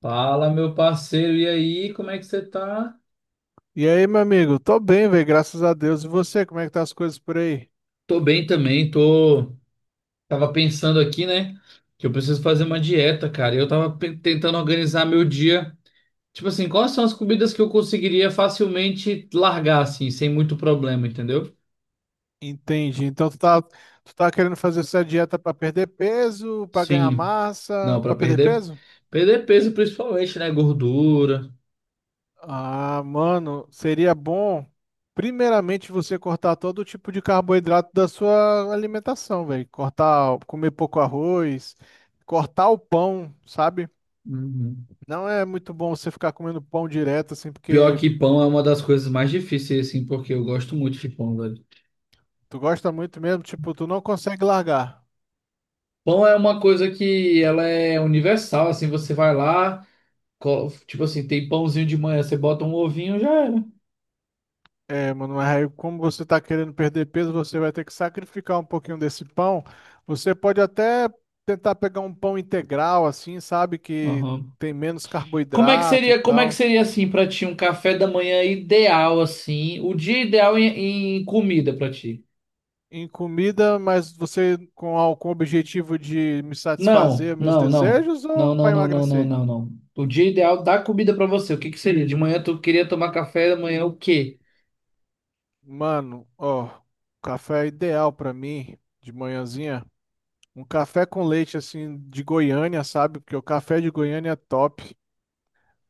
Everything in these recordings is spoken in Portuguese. Fala, meu parceiro, e aí, como é que você tá? E aí, meu amigo? Tô bem, velho, graças a Deus. E você, como é que tá as coisas por aí? Tô bem também, tô. Tava pensando aqui, né, que eu preciso fazer uma Uhum. dieta, cara. Eu tava tentando organizar meu dia. Tipo assim, quais são as comidas que eu conseguiria facilmente largar, assim, sem muito problema, entendeu? Entendi. Então, tu tá querendo fazer essa dieta pra perder peso, pra ganhar Sim, não, massa, pra pra perder perder. peso? Perder peso, principalmente, né? Gordura. Ah, mano, seria bom, primeiramente, você cortar todo tipo de carboidrato da sua alimentação, velho. Cortar, comer pouco arroz, cortar o pão, sabe? Uhum. Não é muito bom você ficar comendo pão direto, assim, Pior porque que pão é uma das coisas mais difíceis, assim, porque eu gosto muito de pão, velho. tu gosta muito mesmo, tipo, tu não consegue largar. Pão é uma coisa que ela é universal, assim, você vai lá. Tipo assim, tem pãozinho de manhã, você bota um ovinho, já era. É, mano, mas aí como você tá querendo perder peso, você vai ter que sacrificar um pouquinho desse pão. Você pode até tentar pegar um pão integral, assim, sabe? Que Aham. tem menos Como é que carboidrato e seria, como é que tal. seria assim pra ti um café da manhã ideal assim, o dia ideal em comida pra ti? Em comida, mas você com o objetivo de me Não, satisfazer meus não, não. desejos Não, ou não, para não, não, não, emagrecer? não, não. O dia ideal da comida pra você. O que que seria? De manhã tu queria tomar café da manhã o quê? Mano, ó, café é ideal para mim de manhãzinha. Um café com leite, assim, de Goiânia, sabe? Porque o café de Goiânia é top.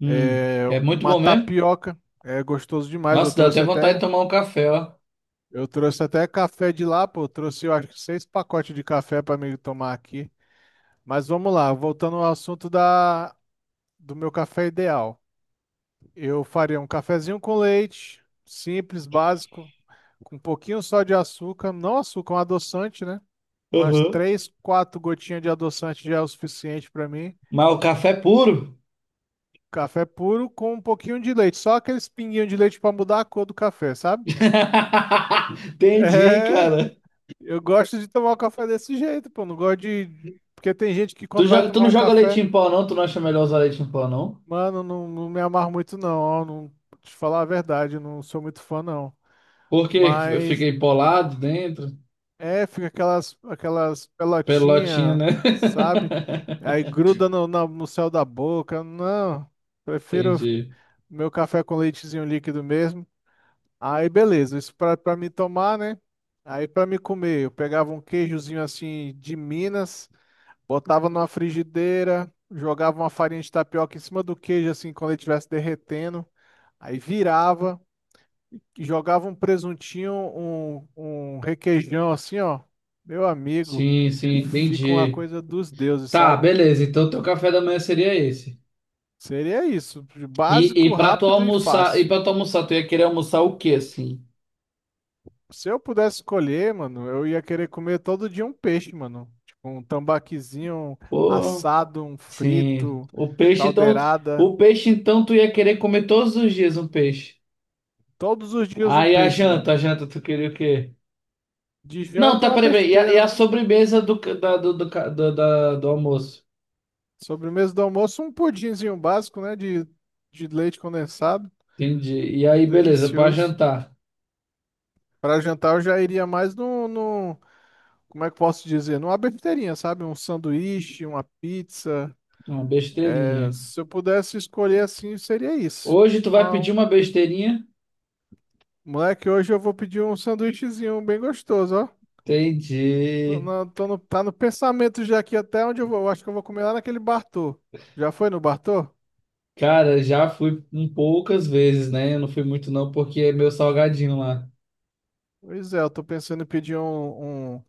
É, É muito uma bom mesmo? tapioca. É gostoso demais. Eu Nossa, dá até trouxe vontade de até, tomar um café, ó. eu trouxe até café de lá, pô. Eu acho que seis pacotes de café para mim tomar aqui. Mas vamos lá, voltando ao assunto do meu café ideal. Eu faria um cafezinho com leite, simples, básico, com um pouquinho só de açúcar, não açúcar, um adoçante, né? Umas Uhum. três, quatro gotinhas de adoçante já é o suficiente para mim. Mas o café é puro? Café puro com um pouquinho de leite, só aqueles pinguinhos de leite para mudar a cor do café, sabe? Entendi, É, cara. eu gosto de tomar o café desse jeito, pô. Não gosto de. Porque tem gente que quando vai Tu tomar não um joga leite café, em pó, não? Tu não acha melhor usar leite em pó, não? mano, não, não me amarro muito, não. Ó, não, pra te falar a verdade, eu não sou muito fã, não. Porque eu Mas fiquei polado dentro. é, fica aquelas Pelotinha, pelotinhas, né? sabe? Aí gruda no céu da boca. Não, prefiro Entendi. meu café com leitezinho líquido mesmo. Aí beleza, isso pra me tomar, né? Aí pra me comer, eu pegava um queijozinho assim de Minas. Botava numa frigideira, jogava uma farinha de tapioca em cima do queijo, assim, quando ele estivesse derretendo. Aí virava e jogava um presuntinho, um requeijão, assim, ó. Meu amigo, Sim, sim, fica uma entendi. coisa dos deuses, Tá, sabe? beleza. Então teu café da manhã seria esse. Seria isso, E, básico, e pra tu rápido e almoçar, e fácil. pra tu almoçar, tu ia querer almoçar o quê, assim? Se eu pudesse escolher, mano, eu ia querer comer todo dia um peixe, mano. Tipo, um tambaquizinho Pô, assado, um sim. frito, O peixe, então. caldeirada. O peixe, então, tu ia querer comer todos os dias um peixe. Todos os dias Ah, um e peixe, mano. a janta, tu queria o quê? De Não, janta, tá, uma peraí, peraí. E a, e besteira, a né? sobremesa do, ca- da, do, do, ca- do, da- do almoço? Sobremesa do almoço, um pudinzinho básico, né? De leite condensado. Entendi. E aí, beleza, para Delicioso. jantar. Para jantar, eu já iria mais no. Como é que eu posso dizer? Numa besteirinha, sabe? Um sanduíche, uma pizza. Uma É, besteirinha. se eu pudesse escolher assim, seria isso. Hoje tu vai pedir Uma- uma besteirinha? Moleque, hoje eu vou pedir um sanduíchezinho bem gostoso, ó. Tô Entendi. na- tô no, tá no pensamento já aqui até onde eu vou. Eu acho que eu vou comer lá naquele Bartô. Já foi no Bartô? Cara, já fui um poucas vezes, né? Eu não fui muito não, porque é meu salgadinho lá. Pois é, eu tô pensando em pedir um, um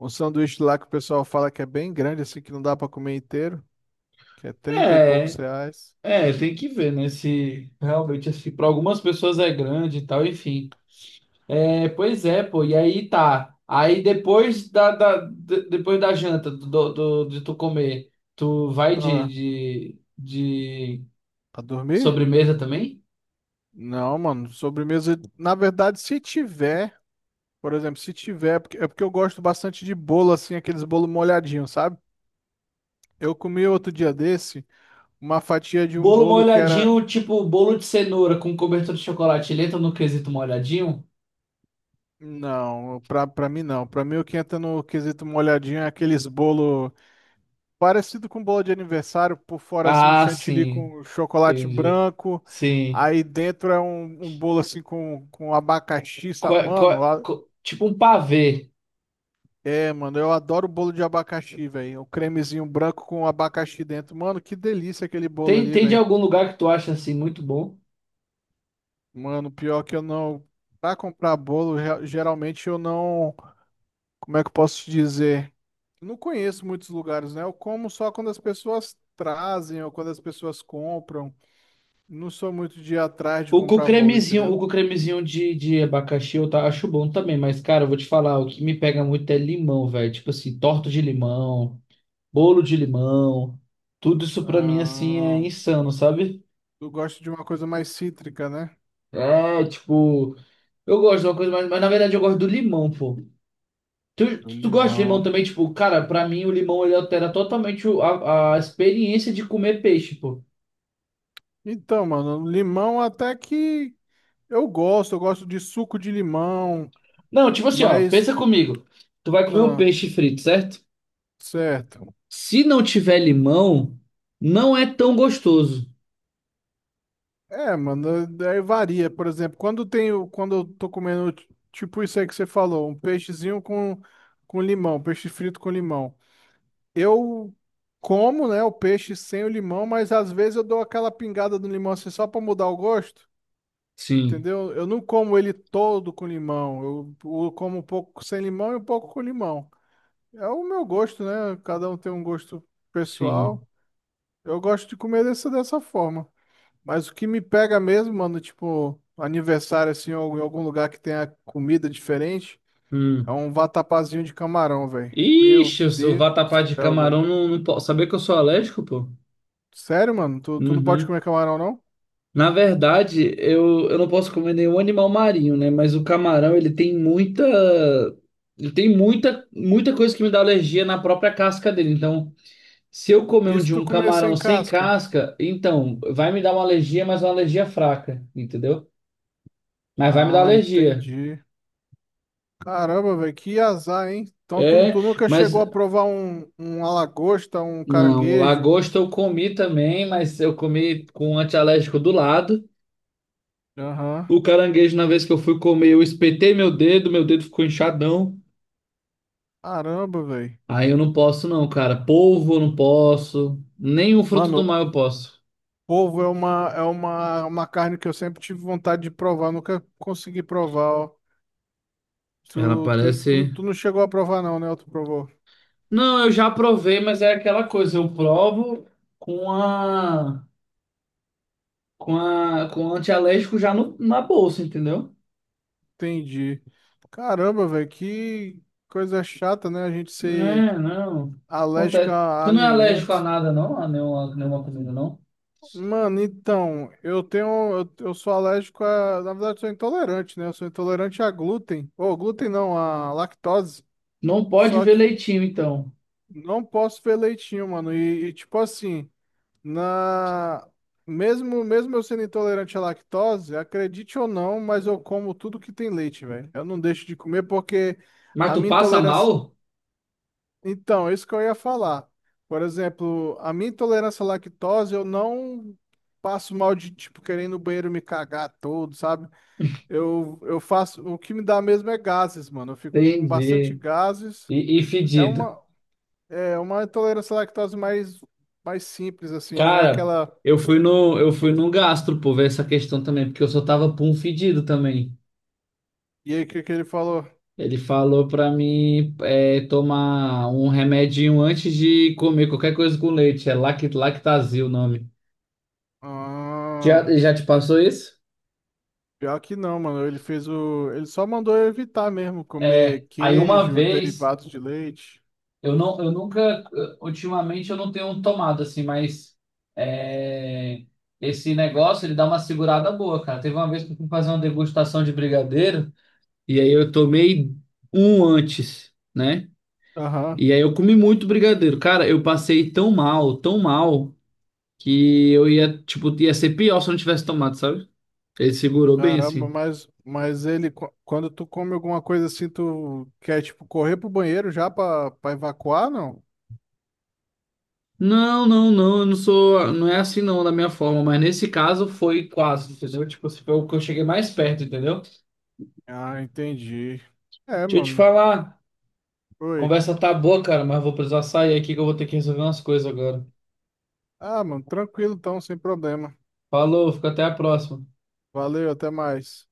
Um sanduíche lá que o pessoal fala que é bem grande, assim, que não dá pra comer inteiro, que é trinta e poucos É, reais. é, tem que ver, né? Se realmente, assim, para algumas pessoas é grande e tal, enfim. É, pois é, pô, e aí tá. Aí depois depois da janta, de tu comer, tu vai Ah, de pra dormir? sobremesa também? Não, mano, sobremesa. Na verdade, se tiver, por exemplo, se tiver, é porque eu gosto bastante de bolo, assim, aqueles bolo molhadinho, sabe? Eu comi outro dia desse uma fatia de um Bolo bolo que era. molhadinho, tipo bolo de cenoura com cobertura de chocolate. Ele entra no quesito molhadinho? Não, pra mim não. Pra mim o que entra no quesito molhadinho é aqueles bolo. Parecido com bola de aniversário, por fora assim um Ah, chantilly sim. com chocolate Entendi. branco, Sim. aí dentro é um bolo assim com abacaxi, sabe? Mano, Tipo um pavê. é, mano, eu adoro bolo de abacaxi, velho. O cremezinho branco com abacaxi dentro. Mano, que delícia aquele bolo Tem, ali, tem de velho. algum lugar que tu acha assim muito bom? Mano, pior que eu não. Pra comprar bolo, geralmente eu não. Como é que eu posso te dizer? Não conheço muitos lugares, né? Eu como só quando as pessoas trazem ou quando as pessoas compram. Não sou muito de ir atrás de comprar bolo, O entendeu? com cremezinho de abacaxi eu tá, acho bom também, mas cara, eu vou te falar, o que me pega muito é limão, velho. Tipo assim, torta de limão, bolo de limão, tudo isso pra mim assim é Ah, insano, sabe? eu gosto de uma coisa mais cítrica, né? É, tipo. Eu gosto de uma coisa, mas na verdade eu gosto do limão, pô. Do Tu gosta de limão. limão também? Tipo, cara, pra mim o limão ele altera totalmente a experiência de comer peixe, pô. Então, mano, limão até que eu gosto de suco de limão, Não, tipo assim, ó, mas. pensa comigo. Tu vai comer um Ah, peixe frito, certo? certo. Se não tiver limão, não é tão gostoso. É, mano, daí varia. Por exemplo, quando eu tô comendo, tipo isso aí que você falou, um peixezinho com limão, peixe frito com limão. Eu como, né, o peixe sem o limão, mas às vezes eu dou aquela pingada do limão assim só para mudar o gosto, Sim, entendeu? Eu não como ele todo com limão. Eu como um pouco sem limão e um pouco com limão. É o meu gosto, né? Cada um tem um gosto pessoal. sim. Eu gosto de comer dessa forma. Mas o que me pega mesmo, mano, tipo, aniversário assim, ou em algum lugar que tenha comida diferente, é Hum. um vatapazinho de camarão, velho. Meu Ixi, eu sou Deus do vatapá de céu, velho. camarão, não, não posso. Saber que eu sou alérgico, pô? Sério, mano? Tu não pode Uhum. comer camarão, não? Na verdade, eu não posso comer nenhum animal marinho, né? Mas o camarão, ele tem muita. Ele tem muita, muita coisa que me dá alergia na própria casca dele. Então, se eu comer um Isso de tu um comer camarão sem sem casca? casca, então, vai me dar uma alergia, mas uma alergia fraca, entendeu? Mas vai me dar Ah, alergia. entendi. Caramba, velho, que azar, hein? Então tu, É, tu nunca mas. chegou a provar um lagosta, um Não, caranguejo? lagosta eu comi também, mas eu comi com um antialérgico do lado. Aham. O caranguejo, na vez que eu fui comer, eu espetei meu dedo ficou inchadão. Caramba, velho. Aí eu não posso não, cara. Polvo eu não posso. Nem o fruto do Mano, mar eu posso. polvo é uma carne que eu sempre tive vontade de provar, nunca consegui provar, ó. Tu, Ela tu, tu, parece. tu não chegou a provar, não, né? Tu provou. Não, eu já provei, mas é aquela coisa. Eu provo com a. Com a. Com o antialérgico já na bolsa, entendeu? Entendi. Caramba, velho, que coisa chata, né? A gente ser É, não. alérgico Acontece. a Tu não é alérgico a alimento. nada, não? A nenhuma, nenhuma comida, não? Mano, então, eu tenho. Eu sou alérgico a. Na verdade, eu sou intolerante, né? Eu sou intolerante a glúten. Ou glúten não, a lactose. Não pode Só ver que leitinho, então. não posso ver leitinho, mano. E, tipo assim, na. Mesmo eu sendo intolerante à lactose, acredite ou não, mas eu como tudo que tem leite, velho. Eu não deixo de comer porque Mas a tu minha passa intolerância. mal? Então, é isso que eu ia falar. Por exemplo, a minha intolerância à lactose, eu não passo mal de, tipo, querer ir no banheiro e me cagar todo, sabe? O que me dá mesmo é gases, mano. Eu fico com bastante Entendi. gases. E É fedido. uma, é uma intolerância à lactose mais simples, assim, não é Cara, aquela. Eu fui no gastro por ver essa questão também, porque eu só tava pum fedido também. E aí, o que que ele falou? Ele falou pra mim é, tomar um remedinho antes de comer qualquer coisa com leite. É Lact, Lactazil o nome. Já, Ah, já te passou isso? pior que não, mano. Ele fez o. Ele só mandou eu evitar mesmo É, comer aí uma queijo, vez, derivados de leite. eu não, eu nunca, ultimamente eu não tenho tomado assim, mas é, esse negócio ele dá uma segurada boa, cara. Teve uma vez que eu fui fazer uma degustação de brigadeiro. E aí eu tomei um antes, né? Aham. E aí eu comi muito brigadeiro. Cara, eu passei tão mal, que eu ia, tipo, ia ser pior se eu não tivesse tomado, sabe? Ele segurou bem Caramba, assim. mas ele, quando tu come alguma coisa assim, tu quer, tipo, correr pro banheiro já pra evacuar, não? Não, não, não, eu não sou, não é assim não, da minha forma, mas nesse caso foi quase, entendeu? Tipo, assim, foi o que eu cheguei mais perto, entendeu? Deixa Ah, entendi. É, eu te mano. falar, Oi. conversa tá boa, cara, mas vou precisar sair aqui que eu vou ter que resolver umas coisas agora. Ah, mano, tranquilo então, sem problema. Falou, fica até a próxima. Valeu, até mais.